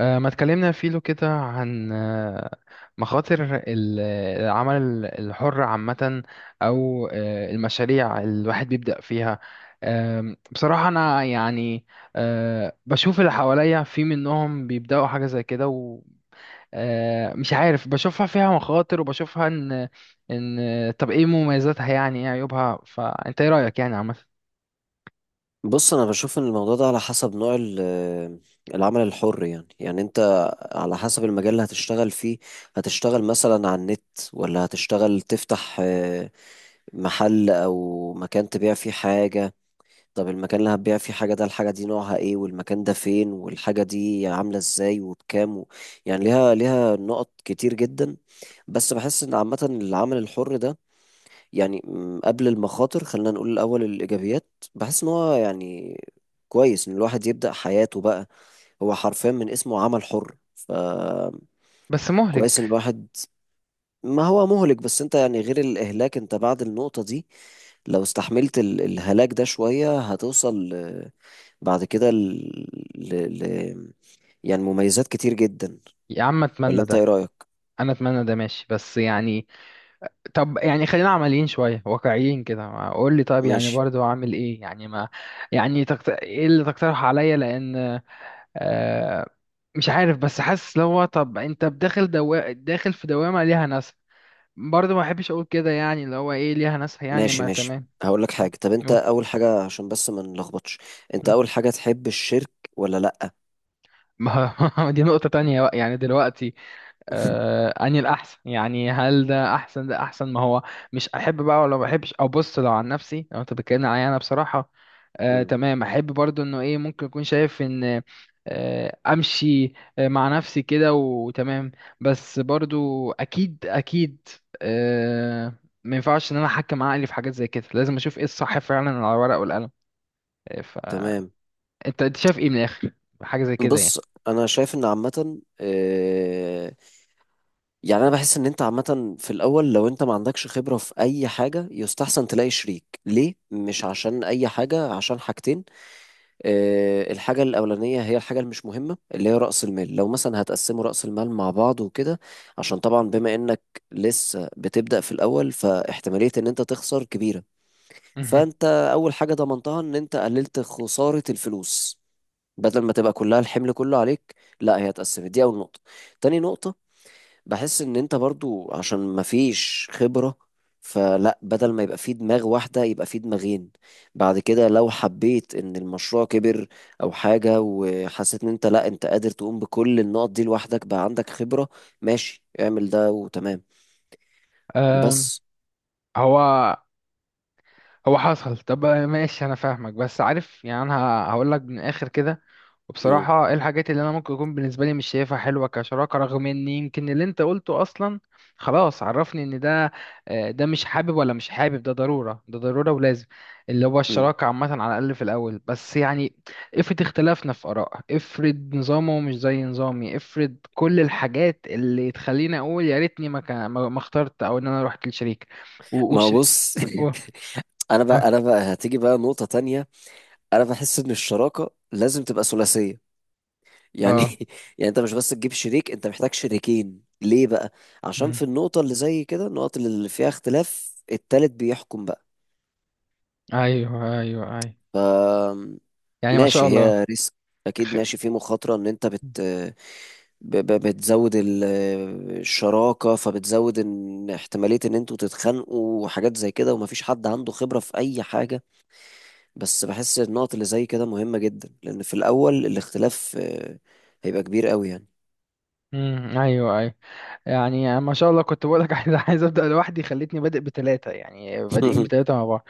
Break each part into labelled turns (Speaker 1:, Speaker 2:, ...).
Speaker 1: ما اتكلمنا فيلو كده عن مخاطر العمل الحر عامة، أو المشاريع الواحد بيبدأ فيها. بصراحة أنا يعني بشوف اللي حواليا في منهم بيبدأوا حاجة زي كده، ومش عارف بشوفها فيها مخاطر وبشوفها إن إن طب إيه مميزاتها، يعني إيه عيوبها، فأنت إيه رأيك يعني عامة؟
Speaker 2: بص انا بشوف ان الموضوع ده على حسب نوع العمل الحر يعني انت على حسب المجال اللي هتشتغل فيه. هتشتغل مثلا على النت ولا هتشتغل تفتح محل او مكان تبيع فيه حاجة. طب المكان اللي هتبيع فيه حاجة ده، الحاجة دي نوعها ايه والمكان ده فين والحاجة دي عاملة ازاي وبكام و... يعني ليها نقط كتير جدا. بس بحس ان عامة العمل الحر ده يعني قبل المخاطر خلينا نقول الأول الإيجابيات. بحس إن هو يعني كويس إن الواحد يبدأ حياته بقى. هو حرفيا من اسمه عمل حر، ف
Speaker 1: بس
Speaker 2: كويس إن
Speaker 1: مهلك.
Speaker 2: الواحد. ما هو مهلك بس أنت يعني غير الإهلاك أنت بعد النقطة دي لو استحملت الهلاك ده شوية هتوصل ل- بعد كده ل... ل... ل... يعني مميزات كتير جدا.
Speaker 1: يا عم
Speaker 2: ولا
Speaker 1: أتمنى
Speaker 2: أنت إيه
Speaker 1: ده.
Speaker 2: رأيك؟
Speaker 1: أنا أتمنى ده ماشي، بس يعني طب يعني خلينا عمليين شوية، واقعيين كده، ما قول لي طيب، يعني
Speaker 2: ماشي
Speaker 1: برضو اعمل ايه يعني ما يعني ايه اللي تقترح عليا؟ لان آه مش عارف، بس حاسس اللي هو طب انت بداخل داخل في دوامة ليها ناس، برضو ما احبش اقول كده يعني اللي هو ايه ليها ناس، يعني
Speaker 2: ماشي
Speaker 1: ما
Speaker 2: ماشي
Speaker 1: تمام.
Speaker 2: هقول لك حاجة، طب أنت
Speaker 1: أوه.
Speaker 2: أول حاجة عشان بس ما نلخبطش، أنت أول حاجة تحب الشرك ولا لأ؟
Speaker 1: ما ما دي نقطة تانية بقى يعني دلوقتي. اني الاحسن يعني هل ده احسن، ده احسن ما هو مش احب بقى ولا ما احبش. او بص، لو عن نفسي، لو انت بتكلمني عليا انا، بصراحه
Speaker 2: مم.
Speaker 1: تمام، احب برضو انه ايه، ممكن اكون شايف ان امشي مع نفسي كده وتمام. بس برضو اكيد اكيد آه ما ينفعش ان انا احكم عقلي في حاجات زي كده، لازم اشوف ايه الصح فعلا على الورق والقلم. آه، فانت
Speaker 2: تمام.
Speaker 1: انت شايف ايه من الاخر؟ حاجه زي كده يعني.
Speaker 2: بص انا شايف ان عامه، يعني انا بحس ان انت عامه في الاول لو انت ما عندكش خبره في اي حاجه يستحسن تلاقي شريك ليه، مش عشان اي حاجه، عشان حاجتين. الحاجه الاولانيه هي الحاجه المش مهمه اللي هي راس المال، لو مثلا هتقسموا راس المال مع بعض وكده، عشان طبعا بما انك لسه بتبدا في الاول فاحتماليه ان انت تخسر كبيره.
Speaker 1: مهم.
Speaker 2: فانت اول حاجه ضمنتها ان انت قللت خساره الفلوس، بدل ما تبقى كلها الحمل كله عليك، لا هي اتقسمت. دي اول نقطه. تاني نقطه، بحس ان انت برضو عشان ما فيش خبره، فلا بدل ما يبقى في دماغ واحده يبقى في دماغين. بعد كده لو حبيت ان المشروع كبر او حاجه وحسيت ان انت، لا انت قادر تقوم بكل النقط دي لوحدك بقى عندك خبره، ماشي اعمل ده وتمام.
Speaker 1: آم،
Speaker 2: بس.
Speaker 1: هو هو حصل. طب ماشي، انا فاهمك، بس عارف يعني انا هقول لك من الاخر كده.
Speaker 2: مم.
Speaker 1: وبصراحه ايه الحاجات اللي انا ممكن اكون بالنسبه لي مش شايفها حلوه كشراكه، رغم ان يمكن اللي انت قلته اصلا خلاص عرفني ان ده ده مش حابب، ولا مش حابب. ده ضروره، ده ضروره ولازم، اللي هو
Speaker 2: مم.
Speaker 1: الشراكه عامه على الاقل في الاول. بس يعني افرض اختلافنا في اراء، افرض نظامه مش زي نظامي، افرض كل الحاجات اللي تخليني اقول يا ريتني ما اخترت، او ان انا رحت للشريك. و...
Speaker 2: ما هو
Speaker 1: وش...
Speaker 2: بص،
Speaker 1: و...
Speaker 2: انا
Speaker 1: اه.
Speaker 2: بقى انا بقى هتيجي بقى نقطة تانية. انا بحس ان الشراكة لازم تبقى ثلاثية يعني.
Speaker 1: آه.
Speaker 2: يعني انت مش بس تجيب شريك، انت محتاج شريكين. ليه بقى؟ عشان
Speaker 1: مم.
Speaker 2: في النقطة اللي زي كده، النقط اللي فيها اختلاف، التالت بيحكم بقى.
Speaker 1: ايوه، ايوه، ايوه.
Speaker 2: ف
Speaker 1: يعني ما شاء
Speaker 2: ماشي
Speaker 1: الله.
Speaker 2: هي ريسك، اكيد
Speaker 1: خ...
Speaker 2: ماشي في مخاطرة ان انت بتزود الشراكة، فبتزود ان احتمالية ان انتوا تتخانقوا وحاجات زي كده ومفيش حد عنده خبرة في اي حاجة. بس بحس النقط اللي زي كده مهمة جدا، لأن في الأول الاختلاف هيبقى كبير قوي يعني.
Speaker 1: مم. ايوه، ايوه. يعني ما شاء الله، كنت بقولك عايز، عايز ابدا لوحدي، خليتني بادئ بثلاثه، يعني بادئين بثلاثه مع بعض.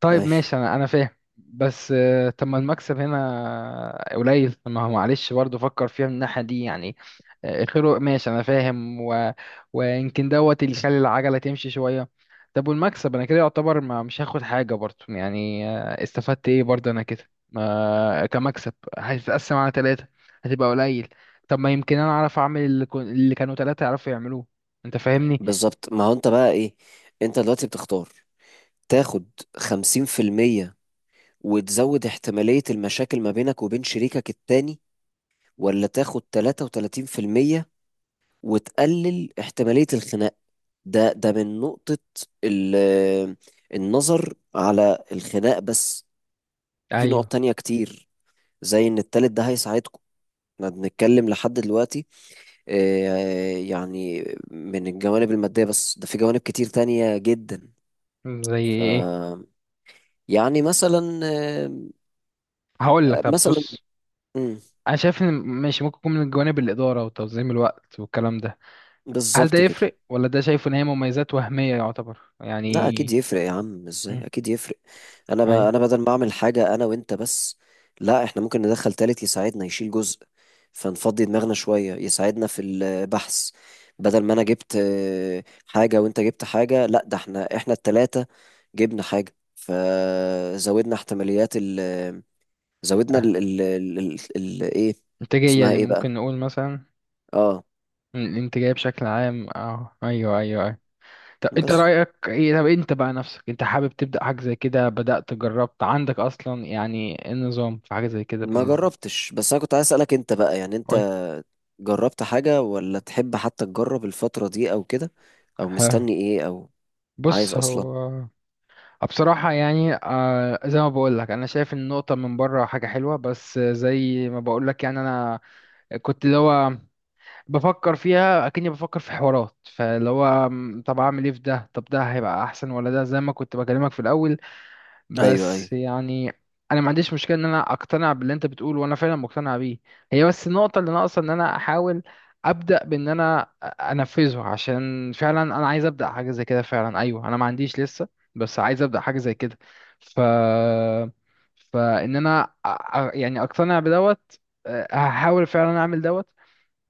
Speaker 1: طيب
Speaker 2: أي،
Speaker 1: ماشي، انا فاهم. بس طب ما المكسب هنا قليل. طب ما هو معلش برضه، فكر فيها من الناحية دي يعني. خيره، ماشي انا فاهم. ويمكن دوت اللي يخلي العجلة تمشي شوية. طب والمكسب انا كده يعتبر ما مش هاخد حاجة برضه، يعني استفدت ايه برضه انا كده ما، كمكسب هتتقسم على ثلاثة هتبقى قليل. طب ما يمكن انا اعرف اعمل اللي كانوا ثلاثة يعرفوا يعملوه. انت فاهمني.
Speaker 2: بالظبط. ما هو أنت بقى إيه، أنت دلوقتي بتختار تاخد خمسين في المية وتزود احتمالية المشاكل ما بينك وبين شريكك التاني، ولا تاخد تلاتة وتلاتين في المية وتقلل احتمالية الخناق. ده من نقطة ال- النظر على الخناق بس. في
Speaker 1: ايوه.
Speaker 2: نقط تانية كتير، زي إن التالت ده هيساعدكم. احنا بنتكلم لحد دلوقتي يعني من الجوانب المادية بس، ده في جوانب كتير تانية جدا.
Speaker 1: زي
Speaker 2: ف
Speaker 1: ايه؟
Speaker 2: يعني مثلا،
Speaker 1: هقول لك، طب
Speaker 2: مثلا،
Speaker 1: بص،
Speaker 2: مم،
Speaker 1: انا شايف ان ماشي، ممكن يكون من جوانب الاداره وتنظيم الوقت والكلام ده. هل ده
Speaker 2: بالظبط كده.
Speaker 1: يفرق؟ ولا ده شايف ان هي مميزات وهميه يعتبر
Speaker 2: لا اكيد
Speaker 1: يعني؟
Speaker 2: يفرق يا عم،
Speaker 1: مم.
Speaker 2: ازاي، اكيد يفرق.
Speaker 1: ايوه.
Speaker 2: انا بدل ما اعمل حاجه انا وانت بس، لا احنا ممكن ندخل تالت يساعدنا، يشيل جزء فنفضي دماغنا شويه، يساعدنا في البحث. بدل ما انا جبت حاجه وانت جبت حاجه، لا ده احنا التلاته جبنا حاجه، فزودنا احتماليات زودنا
Speaker 1: آه.
Speaker 2: ايه
Speaker 1: انتاجيه
Speaker 2: اسمها
Speaker 1: دي
Speaker 2: ايه بقى.
Speaker 1: ممكن نقول مثلا.
Speaker 2: اه.
Speaker 1: الانتاجيه بشكل عام، اه ايوه، ايوه، ايوه. طب انت
Speaker 2: بس
Speaker 1: رايك ايه؟ طب انت بقى نفسك، انت حابب تبدا حاجه زي كده، بدات جربت عندك اصلا؟ يعني إيه النظام في حاجه زي كده
Speaker 2: ما
Speaker 1: بالنسبه لي؟
Speaker 2: جربتش، بس انا كنت عايز اسالك انت بقى، يعني
Speaker 1: قول.
Speaker 2: انت جربت حاجه ولا تحب حتى تجرب الفتره دي او كده، او
Speaker 1: ها.
Speaker 2: مستني ايه، او عايز
Speaker 1: بص
Speaker 2: اصلا.
Speaker 1: هو، بصراحة يعني زي ما بقول لك أنا شايف إن النقطة من بره حاجة حلوة، بس زي ما بقول لك يعني أنا كنت اللي هو بفكر فيها، أكني بفكر في حوارات، فاللي هو طب أعمل إيه في ده؟ طب ده هيبقى أحسن ولا ده زي ما كنت بكلمك في الأول؟
Speaker 2: ايوه ايوه.
Speaker 1: بس يعني انا ما عنديش مشكله ان انا اقتنع باللي انت بتقوله، وانا فعلا مقتنع بيه. هي بس النقطه اللي ناقصه ان انا احاول ابدا بان انا انفذه، عشان فعلا انا عايز ابدا حاجه زي كده فعلا، ايوه. انا ما عنديش لسه، بس عايز ابدا حاجه زي كده. ف فان انا يعني اقتنع بدوت. هحاول فعلا اعمل دوت.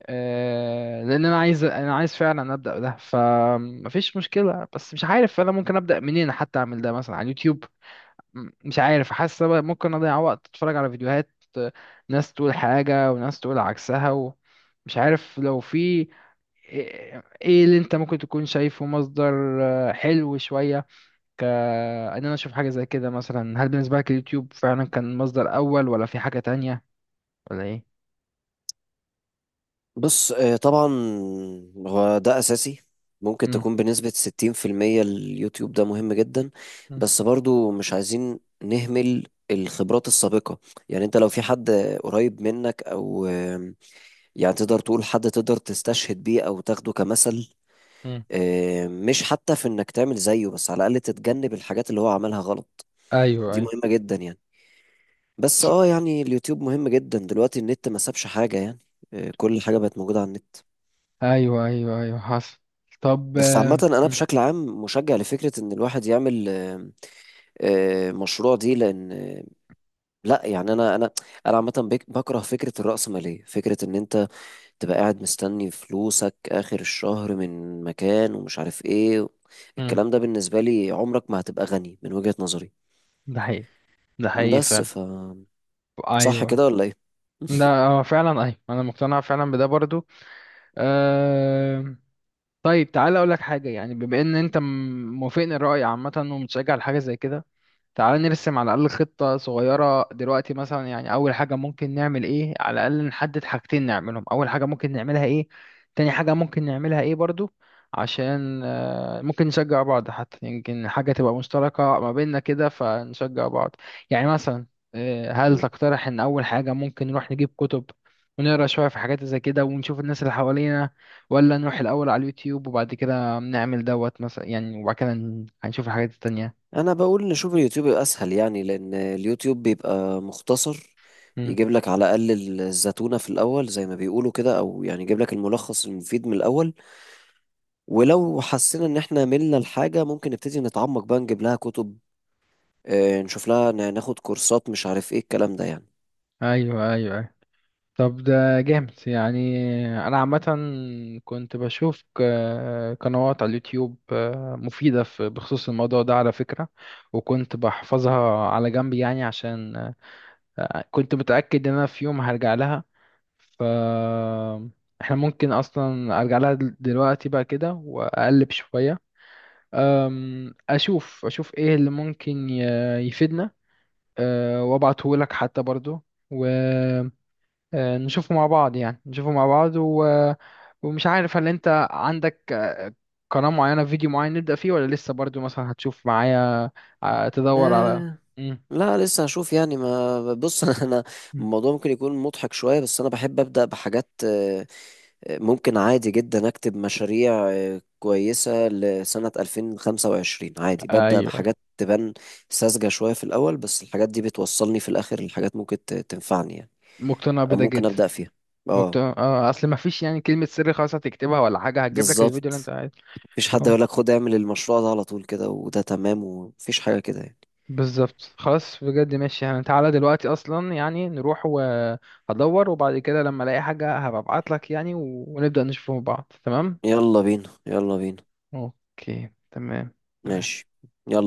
Speaker 1: لان انا عايز فعلا ابدا ده، فمفيش مشكله. بس مش عارف انا ممكن ابدا منين حتى اعمل ده، مثلا على اليوتيوب. مش عارف، حاسة بقى ممكن أضيع وقت أتفرج على فيديوهات، آه، ناس تقول حاجة وناس تقول عكسها، ومش عارف لو في إيه اللي أنت ممكن تكون شايفه مصدر حلو شوية، كأن أنا أشوف حاجة زي كده مثلا. هل بالنسبة لك اليوتيوب فعلا كان مصدر أول، ولا في حاجة تانية، ولا إيه؟
Speaker 2: بص طبعا هو ده اساسي، ممكن
Speaker 1: م.
Speaker 2: تكون بنسبه 60%. اليوتيوب ده مهم جدا،
Speaker 1: مم.
Speaker 2: بس برضو مش عايزين نهمل الخبرات السابقه. يعني انت لو في حد قريب منك او يعني تقدر تقول حد تقدر تستشهد بيه او تاخده كمثل،
Speaker 1: مم.
Speaker 2: مش حتى في انك تعمل زيه، بس على الاقل تتجنب الحاجات اللي هو عملها غلط.
Speaker 1: ايوه،
Speaker 2: دي
Speaker 1: ايوه.
Speaker 2: مهمة جدا يعني. بس اه
Speaker 1: ص-
Speaker 2: يعني اليوتيوب مهم جدا دلوقتي، النت ما سابش حاجة يعني. كل حاجة بقت موجودة على النت.
Speaker 1: أيوه، أيوه، أيوه، حصل. طب
Speaker 2: بس عامة أنا
Speaker 1: م.
Speaker 2: بشكل عام مشجع لفكرة إن الواحد يعمل مشروع. دي لأن لأ يعني أنا عامة بكره فكرة الرأسمالية، فكرة إن أنت تبقى قاعد مستني فلوسك آخر الشهر من مكان ومش عارف إيه.
Speaker 1: مم.
Speaker 2: الكلام ده بالنسبة لي، عمرك ما هتبقى غني من وجهة نظري.
Speaker 1: ده حقيقي، ده حقيقي
Speaker 2: بس
Speaker 1: فعلا.
Speaker 2: ف صح
Speaker 1: ايوه
Speaker 2: كده ولا ايه؟
Speaker 1: ده هو فعلا، ايوه انا مقتنع فعلا بده برضو. أه... طيب، تعالى اقول لك حاجه، يعني بما ان انت موافقني الراي عامه، ومتشجع لحاجه زي كده، تعال نرسم على الأقل خطة صغيرة دلوقتي مثلا. يعني أول حاجة ممكن نعمل إيه؟ على الأقل نحدد حاجتين نعملهم. أول حاجة ممكن نعملها إيه؟ تاني حاجة ممكن نعملها إيه برضو؟ عشان ممكن نشجع بعض، حتى يمكن حاجة تبقى مشتركة ما بيننا كده فنشجع بعض يعني. مثلا هل
Speaker 2: مم.
Speaker 1: تقترح إن أول حاجة ممكن نروح نجيب كتب، ونقرا شوية في حاجات زي كده، ونشوف الناس اللي حوالينا؟ ولا نروح الأول على اليوتيوب، وبعد كده نعمل دوت مثلا يعني، وبعد كده هنشوف الحاجات التانية؟
Speaker 2: انا بقول نشوف اليوتيوب يبقى اسهل، يعني لان اليوتيوب بيبقى مختصر، يجيب لك على الاقل الزتونة في الاول زي ما بيقولوا كده، او يعني يجيب لك الملخص المفيد من الاول. ولو حسينا ان احنا ملنا الحاجة ممكن نبتدي نتعمق بقى، نجيب لها كتب، نشوف لها، ناخد كورسات مش عارف ايه الكلام ده يعني.
Speaker 1: ايوه، ايوه، أيوة. طب ده جامد يعني. انا عامه كنت بشوف قنوات على اليوتيوب مفيده في، بخصوص الموضوع ده على فكره. وكنت بحفظها على جنب يعني عشان كنت متاكد ان انا في يوم هرجع لها. ف احنا ممكن اصلا ارجع لها دلوقتي بقى كده، واقلب شويه، اشوف ايه اللي ممكن يفيدنا. وابعته لك حتى برضو، نشوفه مع بعض يعني، نشوفه مع بعض ومش عارف هل انت عندك قناة معينة، فيديو معين نبدأ فيه، ولا لسه برضو مثلا هتشوف معايا تدور على؟
Speaker 2: آه،
Speaker 1: مم.
Speaker 2: لا لسه هشوف يعني. ما بص، انا
Speaker 1: مم.
Speaker 2: الموضوع ممكن يكون مضحك شوية، بس انا بحب ابدأ بحاجات، ممكن عادي جدا أكتب مشاريع كويسة لسنة 2025 عادي، ببدأ
Speaker 1: ايوه.
Speaker 2: بحاجات تبان ساذجة شوية في الأول، بس الحاجات دي بتوصلني في الآخر لحاجات ممكن تنفعني يعني،
Speaker 1: مقتنع
Speaker 2: أو
Speaker 1: بده
Speaker 2: ممكن
Speaker 1: جدا.
Speaker 2: أبدأ فيها. اه.
Speaker 1: مقتنع، اه، اصل ما فيش يعني كلمة سر خلاص هتكتبها ولا حاجة هتجيب لك الفيديو اللي انت
Speaker 2: بالظبط،
Speaker 1: عايزه.
Speaker 2: مفيش حد
Speaker 1: اه،
Speaker 2: يقولك خد اعمل المشروع ده على طول كده وده تمام، ومفيش حاجة كده يعني.
Speaker 1: بالظبط. خلاص بجد، ماشي يعني تعالى دلوقتي اصلا، يعني نروح وهدور، وبعد كده لما الاقي حاجة هبقى ابعت لك يعني، ونبدأ نشوفه مع بعض. تمام.
Speaker 2: يلا بينا.
Speaker 1: اوكي، تمام. تمام.
Speaker 2: ماشي، يلا.